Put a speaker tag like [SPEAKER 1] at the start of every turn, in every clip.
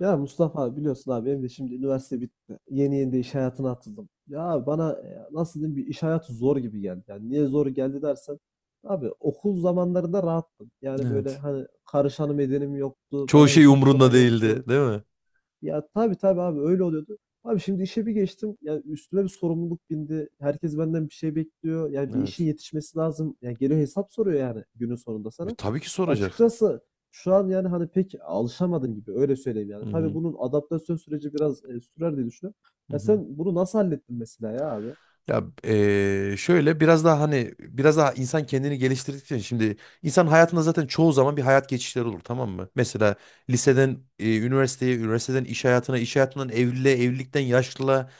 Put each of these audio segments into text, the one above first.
[SPEAKER 1] Ya Mustafa biliyorsun abi benim de şimdi üniversite bitti. Yeni yeni de iş hayatına atıldım. Ya bana nasıl diyeyim bir iş hayatı zor gibi geldi. Yani niye zor geldi dersen abi okul zamanlarında rahattım. Yani böyle
[SPEAKER 2] Evet.
[SPEAKER 1] hani karışanım edenim yoktu.
[SPEAKER 2] Çoğu
[SPEAKER 1] Bana
[SPEAKER 2] şey
[SPEAKER 1] hesap soran
[SPEAKER 2] umrunda değildi,
[SPEAKER 1] yoktu.
[SPEAKER 2] değil mi?
[SPEAKER 1] Ya tabii tabii abi öyle oluyordu. Abi şimdi işe bir geçtim. Yani üstüme bir sorumluluk bindi. Herkes benden bir şey bekliyor. Yani bir işin
[SPEAKER 2] Evet.
[SPEAKER 1] yetişmesi lazım. Yani geliyor hesap soruyor yani günün sonunda sana.
[SPEAKER 2] Tabii ki soracak.
[SPEAKER 1] Açıkçası şu an yani hani pek alışamadım gibi öyle söyleyeyim
[SPEAKER 2] Hı
[SPEAKER 1] yani. Tabii
[SPEAKER 2] hı.
[SPEAKER 1] bunun adaptasyon süreci biraz sürer diye düşünüyorum.
[SPEAKER 2] Hı
[SPEAKER 1] Ya
[SPEAKER 2] hı.
[SPEAKER 1] sen bunu nasıl hallettin mesela ya abi?
[SPEAKER 2] Ya şöyle biraz daha hani biraz daha insan kendini geliştirdikçe şimdi insan hayatında zaten çoğu zaman bir hayat geçişleri olur tamam mı? Mesela liseden üniversiteye, üniversiteden iş hayatına, iş hayatından evliliğe, evlilikten yaşlılığa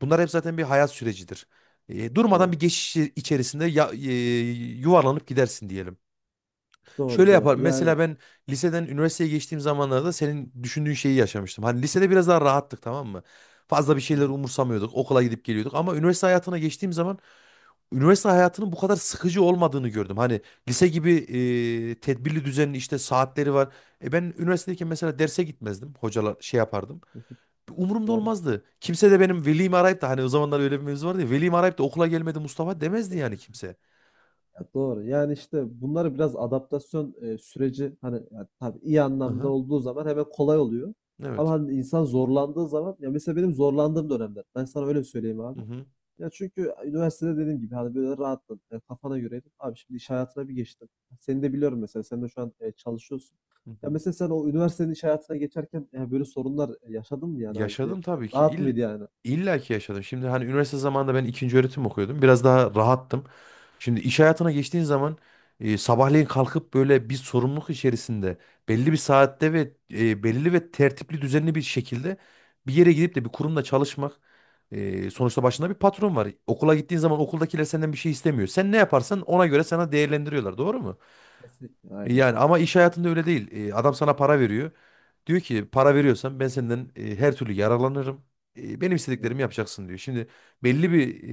[SPEAKER 2] bunlar hep zaten bir hayat sürecidir. Durmadan
[SPEAKER 1] Doğru.
[SPEAKER 2] bir geçiş içerisinde ya, yuvarlanıp gidersin diyelim.
[SPEAKER 1] Doğru
[SPEAKER 2] Şöyle yapar.
[SPEAKER 1] doğru.
[SPEAKER 2] Mesela
[SPEAKER 1] Yani.
[SPEAKER 2] ben liseden üniversiteye geçtiğim zamanlarda senin düşündüğün şeyi yaşamıştım. Hani lisede biraz daha rahattık tamam mı? Fazla bir
[SPEAKER 1] Hı
[SPEAKER 2] şeyler
[SPEAKER 1] hı,
[SPEAKER 2] umursamıyorduk. Okula gidip geliyorduk. Ama üniversite hayatına geçtiğim zaman üniversite hayatının bu kadar sıkıcı olmadığını gördüm. Hani lise gibi tedbirli düzenli işte saatleri var. Ben üniversitedeyken mesela derse gitmezdim. Hocalar şey yapardım.
[SPEAKER 1] hı hı,
[SPEAKER 2] Umurumda
[SPEAKER 1] doğru.
[SPEAKER 2] olmazdı. Kimse de benim velimi arayıp da hani o zamanlar öyle bir mevzu vardı ya. Velimi arayıp da okula gelmedi Mustafa demezdi yani kimse.
[SPEAKER 1] Ya doğru. Yani işte bunları biraz adaptasyon süreci hani ya tabii iyi anlamda
[SPEAKER 2] Aha,
[SPEAKER 1] olduğu zaman hemen kolay oluyor. Ama
[SPEAKER 2] evet.
[SPEAKER 1] hani insan zorlandığı zaman ya mesela benim zorlandığım dönemler. Ben sana öyle söyleyeyim abi.
[SPEAKER 2] Hı hı.
[SPEAKER 1] Ya çünkü üniversitede dediğim gibi hani böyle rahattın. Kafana göreydim. Abi şimdi iş hayatına bir geçtim. Seni de biliyorum mesela. Sen de şu an çalışıyorsun.
[SPEAKER 2] Hı
[SPEAKER 1] Ya
[SPEAKER 2] hı.
[SPEAKER 1] mesela sen o üniversitenin iş hayatına geçerken böyle sorunlar yaşadın mı yani abi?
[SPEAKER 2] Yaşadım tabii ki.
[SPEAKER 1] Rahat mıydı yani?
[SPEAKER 2] İlla ki yaşadım. Şimdi hani üniversite zamanında ben ikinci öğretim okuyordum. Biraz daha rahattım. Şimdi iş hayatına geçtiğin zaman sabahleyin kalkıp böyle bir sorumluluk içerisinde belli bir saatte ve belli ve tertipli düzenli bir şekilde bir yere gidip de bir kurumda çalışmak sonuçta başında bir patron var. Okula gittiğin zaman okuldakiler senden bir şey istemiyor. Sen ne yaparsan ona göre sana değerlendiriyorlar. Doğru mu?
[SPEAKER 1] Kesinlikle. Aynen.
[SPEAKER 2] Yani ama iş hayatında öyle değil. Adam sana para veriyor. Diyor ki para veriyorsan ben senden her türlü yararlanırım. Benim
[SPEAKER 1] Doğru.
[SPEAKER 2] istediklerimi yapacaksın diyor. Şimdi belli bir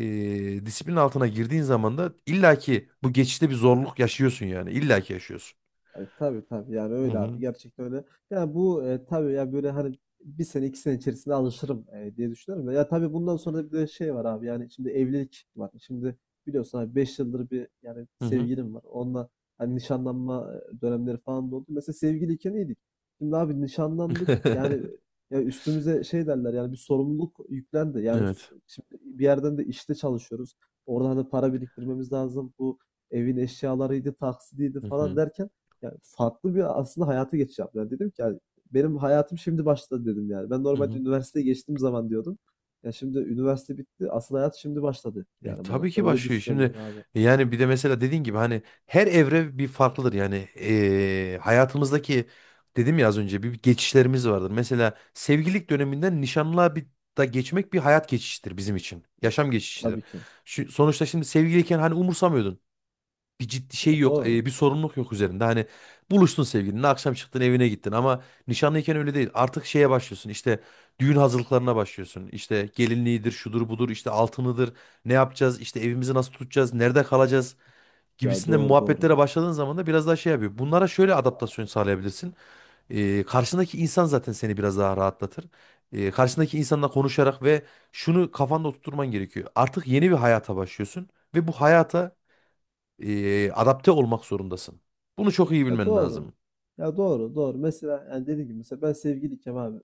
[SPEAKER 2] disiplin altına girdiğin zaman da illaki bu geçişte bir zorluk yaşıyorsun yani. İllaki yaşıyorsun.
[SPEAKER 1] Tabi tabii tabii yani
[SPEAKER 2] Hı
[SPEAKER 1] öyle abi
[SPEAKER 2] hı.
[SPEAKER 1] gerçekten öyle. Ya bu tabii ya böyle hani bir sene iki sene içerisinde alışırım diye düşünüyorum da. Ya tabii bundan sonra da bir de şey var abi yani şimdi evlilik var. Şimdi biliyorsun abi 5 yıldır bir yani
[SPEAKER 2] Hı hı.
[SPEAKER 1] sevgilim var. Onunla hani nişanlanma dönemleri falan da oldu. Mesela sevgiliyken iyiydik. Şimdi abi nişanlandık yani ya üstümüze şey derler yani bir sorumluluk yüklendi. Yani
[SPEAKER 2] Evet.
[SPEAKER 1] şimdi bir yerden de işte çalışıyoruz. Oradan da para biriktirmemiz lazım. Bu evin eşyalarıydı, taksidiydi
[SPEAKER 2] Hı
[SPEAKER 1] falan
[SPEAKER 2] hı.
[SPEAKER 1] derken ya, farklı bir aslında hayata geçiş yaptılar. Dedim ki, hani, "Benim hayatım şimdi başladı." dedim yani. Ben
[SPEAKER 2] Hı
[SPEAKER 1] normalde
[SPEAKER 2] hı.
[SPEAKER 1] üniversiteye geçtiğim zaman diyordum. Ya, şimdi üniversite bitti, asıl hayat şimdi başladı yani bana.
[SPEAKER 2] Tabii
[SPEAKER 1] Ben
[SPEAKER 2] ki
[SPEAKER 1] öyle
[SPEAKER 2] başlıyor.
[SPEAKER 1] düşünüyorum
[SPEAKER 2] Şimdi
[SPEAKER 1] yani abi.
[SPEAKER 2] yani bir de mesela dediğin gibi hani her evre bir farklıdır. Yani hayatımızdaki dedim ya az önce bir geçişlerimiz vardır. Mesela sevgililik döneminden nişanlığa bir da geçmek bir hayat geçişidir bizim için.
[SPEAKER 1] Ya
[SPEAKER 2] Yaşam geçişidir.
[SPEAKER 1] Tabii ki.
[SPEAKER 2] Sonuçta şimdi sevgiliyken hani umursamıyordun bir ciddi
[SPEAKER 1] Ya,
[SPEAKER 2] şey yok,
[SPEAKER 1] doğru.
[SPEAKER 2] bir sorumluluk yok üzerinde. Hani buluştun sevgilinle, akşam çıktın evine gittin ama nişanlıyken öyle değil. Artık şeye başlıyorsun. İşte düğün hazırlıklarına başlıyorsun. İşte gelinliğidir, şudur budur, işte altınıdır. Ne yapacağız? İşte evimizi nasıl tutacağız? Nerede kalacağız?
[SPEAKER 1] Ya,
[SPEAKER 2] Gibisinden
[SPEAKER 1] doğru, doğru.
[SPEAKER 2] muhabbetlere başladığın zaman da biraz daha şey yapıyor. Bunlara şöyle adaptasyon sağlayabilirsin. Karşındaki insan zaten seni biraz daha rahatlatır. Karşındaki insanla konuşarak ve şunu kafanda oturtman gerekiyor. Artık yeni bir hayata başlıyorsun ve bu hayata adapte olmak zorundasın. Bunu çok iyi
[SPEAKER 1] Ya
[SPEAKER 2] bilmen
[SPEAKER 1] doğru.
[SPEAKER 2] lazım.
[SPEAKER 1] Ya doğru, doğru. Mesela yani dediğim gibi mesela ben sevgiliyken abi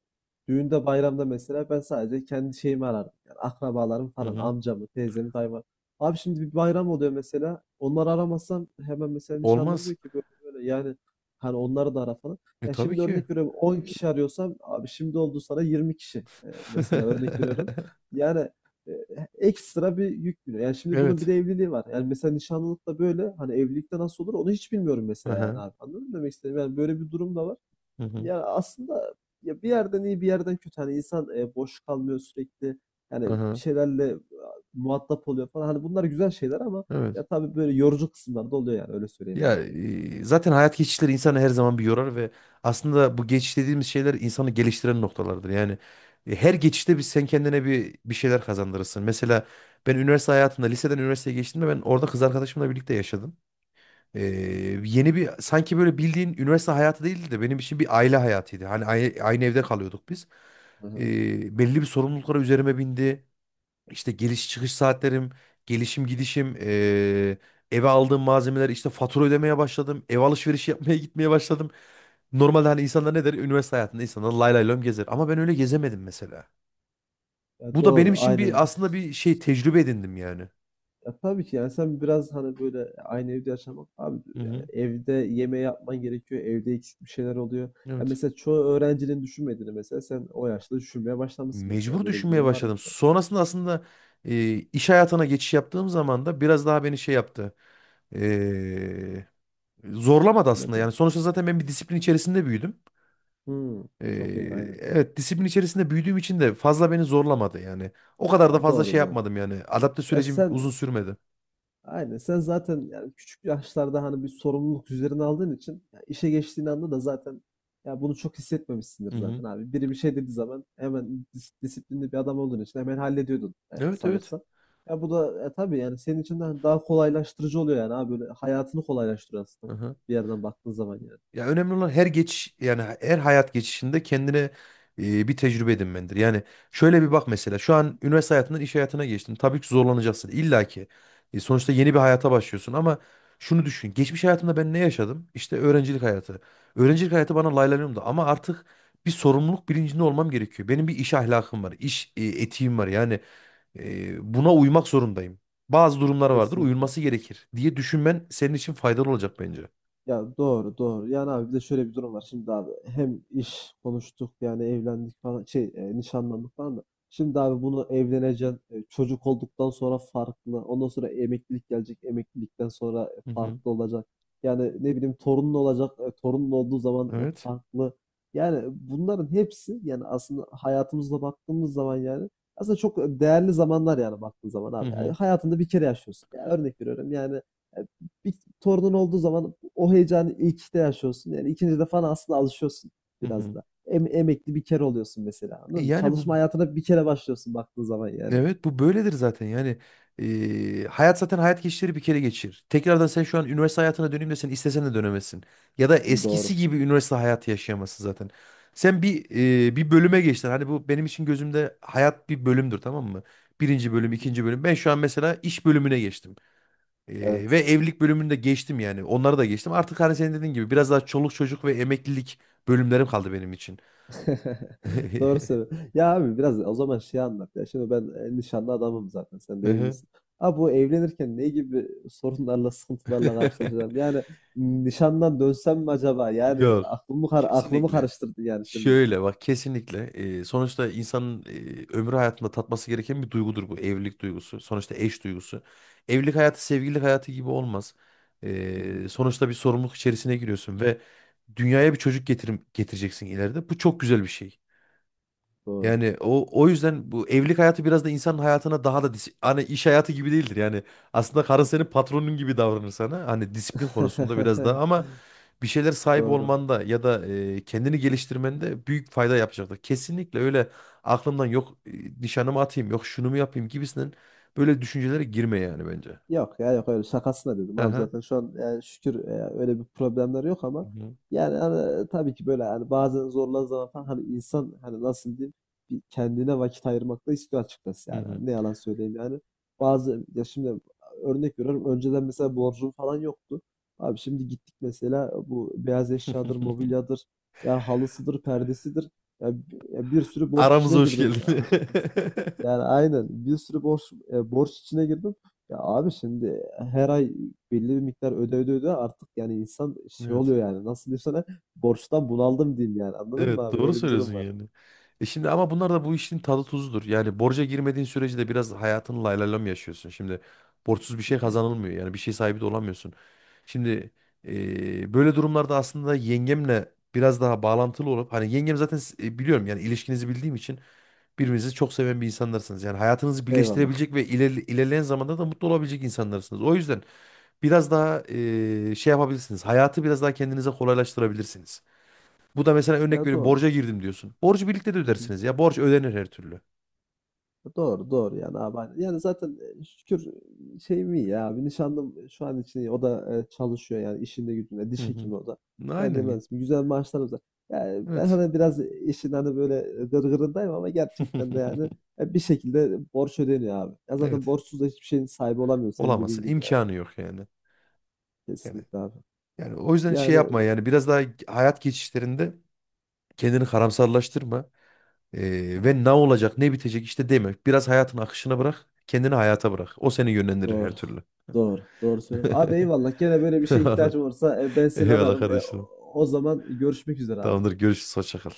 [SPEAKER 1] düğünde bayramda mesela ben sadece kendi şeyimi ararım. Yani akrabalarım
[SPEAKER 2] Hı
[SPEAKER 1] falan
[SPEAKER 2] hı.
[SPEAKER 1] amcamı, teyzemi, dayımı. Abi şimdi bir bayram oluyor mesela. Onları aramazsam hemen mesela nişanlım
[SPEAKER 2] Olmaz.
[SPEAKER 1] diyor ki böyle, böyle yani hani onları da ara falan. Ya
[SPEAKER 2] Tabii
[SPEAKER 1] şimdi
[SPEAKER 2] ki.
[SPEAKER 1] örnek veriyorum 10 kişi arıyorsam abi şimdi oldu sana 20 kişi. Mesela örnek veriyorum. Yani e, ekstra bir yük biniyor. Yani şimdi bunun bir
[SPEAKER 2] Evet.
[SPEAKER 1] de evliliği var. Yani mesela nişanlılıkta böyle, hani evlilikte nasıl olur onu hiç bilmiyorum mesela yani
[SPEAKER 2] Aha,
[SPEAKER 1] abi. Anladın mı demek istediğim? Yani böyle bir durum da var.
[SPEAKER 2] Hı hı.
[SPEAKER 1] Yani aslında ya bir yerden iyi bir yerden kötü. Hani insan boş kalmıyor sürekli. Yani bir
[SPEAKER 2] Aha,
[SPEAKER 1] şeylerle muhatap oluyor falan. Hani bunlar güzel şeyler ama
[SPEAKER 2] Evet.
[SPEAKER 1] ya tabii böyle yorucu kısımlar da oluyor yani öyle söyleyeyim
[SPEAKER 2] Ya
[SPEAKER 1] abi.
[SPEAKER 2] zaten hayat geçişleri insanı her zaman bir yorar ve aslında bu geçiş dediğimiz şeyler insanı geliştiren noktalardır. Yani her geçişte sen kendine bir şeyler kazandırırsın. Mesela ben üniversite hayatında liseden üniversiteye geçtiğimde ben orada kız arkadaşımla birlikte yaşadım. Ee, yeni bir sanki böyle bildiğin üniversite hayatı değildi de benim için bir aile hayatıydı. Hani aynı evde kalıyorduk biz.
[SPEAKER 1] Hı hı.
[SPEAKER 2] Belli bir sorumluluklara üzerime bindi. İşte geliş çıkış saatlerim, gelişim gidişim, eve aldığım malzemeler, işte fatura ödemeye başladım. Ev alışverişi yapmaya gitmeye başladım. Normalde hani insanlar ne der? Üniversite hayatında insanlar lay lay lom gezer. Ama ben öyle gezemedim mesela.
[SPEAKER 1] Ya
[SPEAKER 2] Bu da benim
[SPEAKER 1] doğru
[SPEAKER 2] için
[SPEAKER 1] aynen.
[SPEAKER 2] bir aslında bir şey tecrübe edindim yani.
[SPEAKER 1] Ya tabii ki yani sen biraz hani böyle aynı evde yaşamak abi
[SPEAKER 2] Hı
[SPEAKER 1] yani
[SPEAKER 2] hı.
[SPEAKER 1] evde yeme yapman gerekiyor. Evde eksik bir şeyler oluyor. Ya
[SPEAKER 2] Evet.
[SPEAKER 1] mesela çoğu öğrencinin düşünmediğini mesela sen o yaşta düşünmeye başlamışsın mesela.
[SPEAKER 2] mecbur
[SPEAKER 1] Böyle bir
[SPEAKER 2] düşünmeye
[SPEAKER 1] durum varmış
[SPEAKER 2] başladım.
[SPEAKER 1] yani.
[SPEAKER 2] Sonrasında aslında iş hayatına geçiş yaptığım zaman da biraz daha beni şey yaptı. E, Zorlamadı aslında. Yani
[SPEAKER 1] Neden?
[SPEAKER 2] sonuçta zaten ben bir disiplin içerisinde büyüdüm.
[SPEAKER 1] Hmm,
[SPEAKER 2] E,
[SPEAKER 1] çok iyi aynen.
[SPEAKER 2] evet disiplin içerisinde büyüdüğüm için de fazla beni zorlamadı yani. O kadar da
[SPEAKER 1] Ya
[SPEAKER 2] fazla şey
[SPEAKER 1] doğru doğru.
[SPEAKER 2] yapmadım yani. Adapte
[SPEAKER 1] Ya
[SPEAKER 2] sürecim
[SPEAKER 1] sen
[SPEAKER 2] uzun sürmedi.
[SPEAKER 1] Aynen. Sen zaten yani küçük yaşlarda hani bir sorumluluk üzerine aldığın için ya işe geçtiğin anda da zaten ya bunu çok hissetmemişsindir
[SPEAKER 2] Hı hı.
[SPEAKER 1] zaten abi. Biri bir şey dediği zaman hemen disiplinli bir adam olduğun için hemen hallediyordun
[SPEAKER 2] Evet evet.
[SPEAKER 1] sanırsam. Ya bu da tabii yani senin için de hani daha kolaylaştırıcı oluyor yani abi böyle hayatını kolaylaştırıyor aslında
[SPEAKER 2] Aha.
[SPEAKER 1] bir yerden baktığın zaman yani.
[SPEAKER 2] Ya önemli olan her geç yani her hayat geçişinde kendine bir tecrübe edinmendir. Yani şöyle bir bak mesela şu an üniversite hayatından iş hayatına geçtin. Tabii ki zorlanacaksın illa ki. Sonuçta yeni bir hayata başlıyorsun ama şunu düşün. Geçmiş hayatımda ben ne yaşadım? İşte öğrencilik hayatı. Öğrencilik hayatı bana laylanıyordu ama artık bir sorumluluk bilincinde olmam gerekiyor. Benim bir iş ahlakım var, iş etiğim var. Yani buna uymak zorundayım. Bazı durumlar vardır,
[SPEAKER 1] Kesinlikle.
[SPEAKER 2] uyulması gerekir diye düşünmen senin için faydalı olacak bence.
[SPEAKER 1] Ya doğru doğru. Yani abi bir de şöyle bir durum var. Şimdi abi hem iş konuştuk yani evlendik falan şey nişanlandık falan da. Şimdi abi bunu evleneceksin. Çocuk olduktan sonra farklı. Ondan sonra emeklilik gelecek. Emeklilikten sonra
[SPEAKER 2] Hı hı.
[SPEAKER 1] farklı olacak. Yani ne bileyim torunun olacak. Torunun olduğu zaman
[SPEAKER 2] Evet.
[SPEAKER 1] farklı. Yani bunların hepsi yani aslında hayatımızda baktığımız zaman yani aslında çok değerli zamanlar yani baktığın zaman
[SPEAKER 2] Hı
[SPEAKER 1] abi. Yani
[SPEAKER 2] hı.
[SPEAKER 1] hayatında bir kere yaşıyorsun. Yani örnek veriyorum yani e, bir torunun olduğu zaman o heyecanı ilkte yaşıyorsun. Yani ikinci de falan aslında alışıyorsun
[SPEAKER 2] Hı
[SPEAKER 1] biraz
[SPEAKER 2] hı.
[SPEAKER 1] da. Emekli bir kere oluyorsun mesela. Anladın mı?
[SPEAKER 2] Yani bu
[SPEAKER 1] Çalışma hayatına bir kere başlıyorsun baktığın zaman yani.
[SPEAKER 2] evet bu böyledir zaten yani hayat zaten hayat geçişleri bir kere geçir. Tekrardan sen şu an üniversite hayatına döneyim desen istesen de dönemezsin. Ya da eskisi
[SPEAKER 1] Doğru.
[SPEAKER 2] gibi üniversite hayatı yaşayamazsın zaten. Sen bir bölüme geçtin. Hani bu benim için gözümde hayat bir bölümdür tamam mı? Birinci bölüm, ikinci bölüm. Ben şu an mesela iş bölümüne geçtim. Ve
[SPEAKER 1] Evet.
[SPEAKER 2] evlilik bölümünü de geçtim yani. Onları da geçtim. Artık hani senin dediğin gibi biraz daha çoluk çocuk ve emeklilik bölümlerim kaldı benim için.
[SPEAKER 1] Doğru söylüyorsun. Ya abi biraz o zaman şey anlat ya. Şimdi ben nişanlı adamım zaten. Sen
[SPEAKER 2] Hı
[SPEAKER 1] de
[SPEAKER 2] hı.
[SPEAKER 1] evlisin. Abi bu evlenirken ne gibi sorunlarla, sıkıntılarla karşılaşacağım? Yani nişandan dönsem mi acaba? Yani
[SPEAKER 2] Yok.
[SPEAKER 1] aklımı
[SPEAKER 2] Kesinlikle.
[SPEAKER 1] karıştırdın yani şimdi.
[SPEAKER 2] Şöyle bak kesinlikle sonuçta insanın ömrü hayatında tatması gereken bir duygudur bu evlilik duygusu. Sonuçta eş duygusu. Evlilik hayatı sevgililik hayatı gibi olmaz. Sonuçta bir sorumluluk içerisine giriyorsun ve dünyaya bir çocuk getireceksin ileride. Bu çok güzel bir şey.
[SPEAKER 1] Doğru.
[SPEAKER 2] Yani o yüzden bu evlilik hayatı biraz da insanın hayatına daha da hani iş hayatı gibi değildir. Yani aslında karın senin patronun gibi davranır sana. Hani disiplin konusunda biraz daha ama bir şeyler sahip
[SPEAKER 1] Doğru.
[SPEAKER 2] olmanda ya da kendini geliştirmende büyük fayda yapacaktır. Kesinlikle öyle aklımdan yok nişanımı atayım, yok şunu mu yapayım gibisinden böyle düşüncelere girme yani bence.
[SPEAKER 1] Yok ya yok öyle şakasına dedim abi
[SPEAKER 2] Aha.
[SPEAKER 1] zaten şu an yani şükür öyle bir problemler yok
[SPEAKER 2] Hı
[SPEAKER 1] ama
[SPEAKER 2] hı.
[SPEAKER 1] yani hani, tabii ki böyle hani bazen zorlan zaman falan hani insan hani nasıl diyeyim bir kendine vakit ayırmak da istiyor açıkçası
[SPEAKER 2] Hı
[SPEAKER 1] yani.
[SPEAKER 2] hı.
[SPEAKER 1] Hani ne yalan söyleyeyim yani. Bazı ya şimdi örnek veriyorum önceden mesela borcum falan yoktu. Abi şimdi gittik mesela bu beyaz eşyadır, mobilyadır, ya halısıdır, perdesidir. Ya, ya bir sürü borç
[SPEAKER 2] Aramıza
[SPEAKER 1] içine
[SPEAKER 2] hoş
[SPEAKER 1] girdim
[SPEAKER 2] geldin.
[SPEAKER 1] açıkçası. Yani aynen bir sürü borç içine girdim. Ya abi şimdi her ay belli bir miktar öde öde öde artık yani insan şey
[SPEAKER 2] Evet.
[SPEAKER 1] oluyor yani nasıl diyeyim sana borçtan bunaldım diyeyim yani anladın mı
[SPEAKER 2] Evet
[SPEAKER 1] abi
[SPEAKER 2] doğru
[SPEAKER 1] öyle bir
[SPEAKER 2] söylüyorsun
[SPEAKER 1] durum var.
[SPEAKER 2] yani. Şimdi ama bunlar da bu işin tadı tuzudur. Yani borca girmediğin sürece de biraz hayatını lay lay lam yaşıyorsun. Şimdi borçsuz bir
[SPEAKER 1] Hı
[SPEAKER 2] şey
[SPEAKER 1] hı.
[SPEAKER 2] kazanılmıyor. Yani bir şey sahibi de olamıyorsun. Şimdi böyle durumlarda aslında yengemle biraz daha bağlantılı olup hani yengem zaten biliyorum yani ilişkinizi bildiğim için birbirinizi çok seven bir insanlarsınız. Yani hayatınızı
[SPEAKER 1] Eyvallah.
[SPEAKER 2] birleştirebilecek ve ilerleyen zamanda da mutlu olabilecek insanlarsınız. O yüzden biraz daha şey yapabilirsiniz. Hayatı biraz daha kendinize kolaylaştırabilirsiniz. Bu da mesela örnek
[SPEAKER 1] Ya
[SPEAKER 2] veriyorum
[SPEAKER 1] doğru.
[SPEAKER 2] borca girdim diyorsun. Borcu birlikte de
[SPEAKER 1] Hı hı.
[SPEAKER 2] ödersiniz ya. Borç ödenir her türlü.
[SPEAKER 1] Doğru, doğru yani abi, aynen. Yani zaten, şükür şey mi ya abi, nişanlım şu an için iyi. O da, çalışıyor yani işinde gücünde,
[SPEAKER 2] Hı
[SPEAKER 1] diş
[SPEAKER 2] hı.
[SPEAKER 1] hekimi o da. Ben de
[SPEAKER 2] Aynen ya.
[SPEAKER 1] mühendisim. Güzel maaşlarımız var. Yani ben
[SPEAKER 2] Evet.
[SPEAKER 1] hani biraz işin hani böyle gırgırındayım ama gerçekten de yani, bir şekilde borç ödeniyor abi. Ya zaten
[SPEAKER 2] Evet.
[SPEAKER 1] borçsuz da hiçbir şeyin sahibi olamıyor senin dediğin
[SPEAKER 2] Olamazsın.
[SPEAKER 1] gibi yani.
[SPEAKER 2] İmkanı yok yani. Yani
[SPEAKER 1] Kesinlikle abi.
[SPEAKER 2] yani o yüzden şey
[SPEAKER 1] Yani
[SPEAKER 2] yapma yani biraz daha hayat geçişlerinde kendini karamsarlaştırma. Ee,
[SPEAKER 1] tamam.
[SPEAKER 2] ve ne olacak ne bitecek işte deme. Biraz hayatın akışına bırak. Kendini hayata bırak. O seni yönlendirir her
[SPEAKER 1] Doğru.
[SPEAKER 2] türlü.
[SPEAKER 1] Doğru. Doğru söylüyorsun. Abi eyvallah. Gene böyle bir şeye
[SPEAKER 2] Anladım.
[SPEAKER 1] ihtiyacım olursa, ben seni
[SPEAKER 2] Eyvallah
[SPEAKER 1] ararım. O
[SPEAKER 2] kardeşim.
[SPEAKER 1] o zaman görüşmek üzere abi.
[SPEAKER 2] Tamamdır. Görüşürüz. Hoşça kal.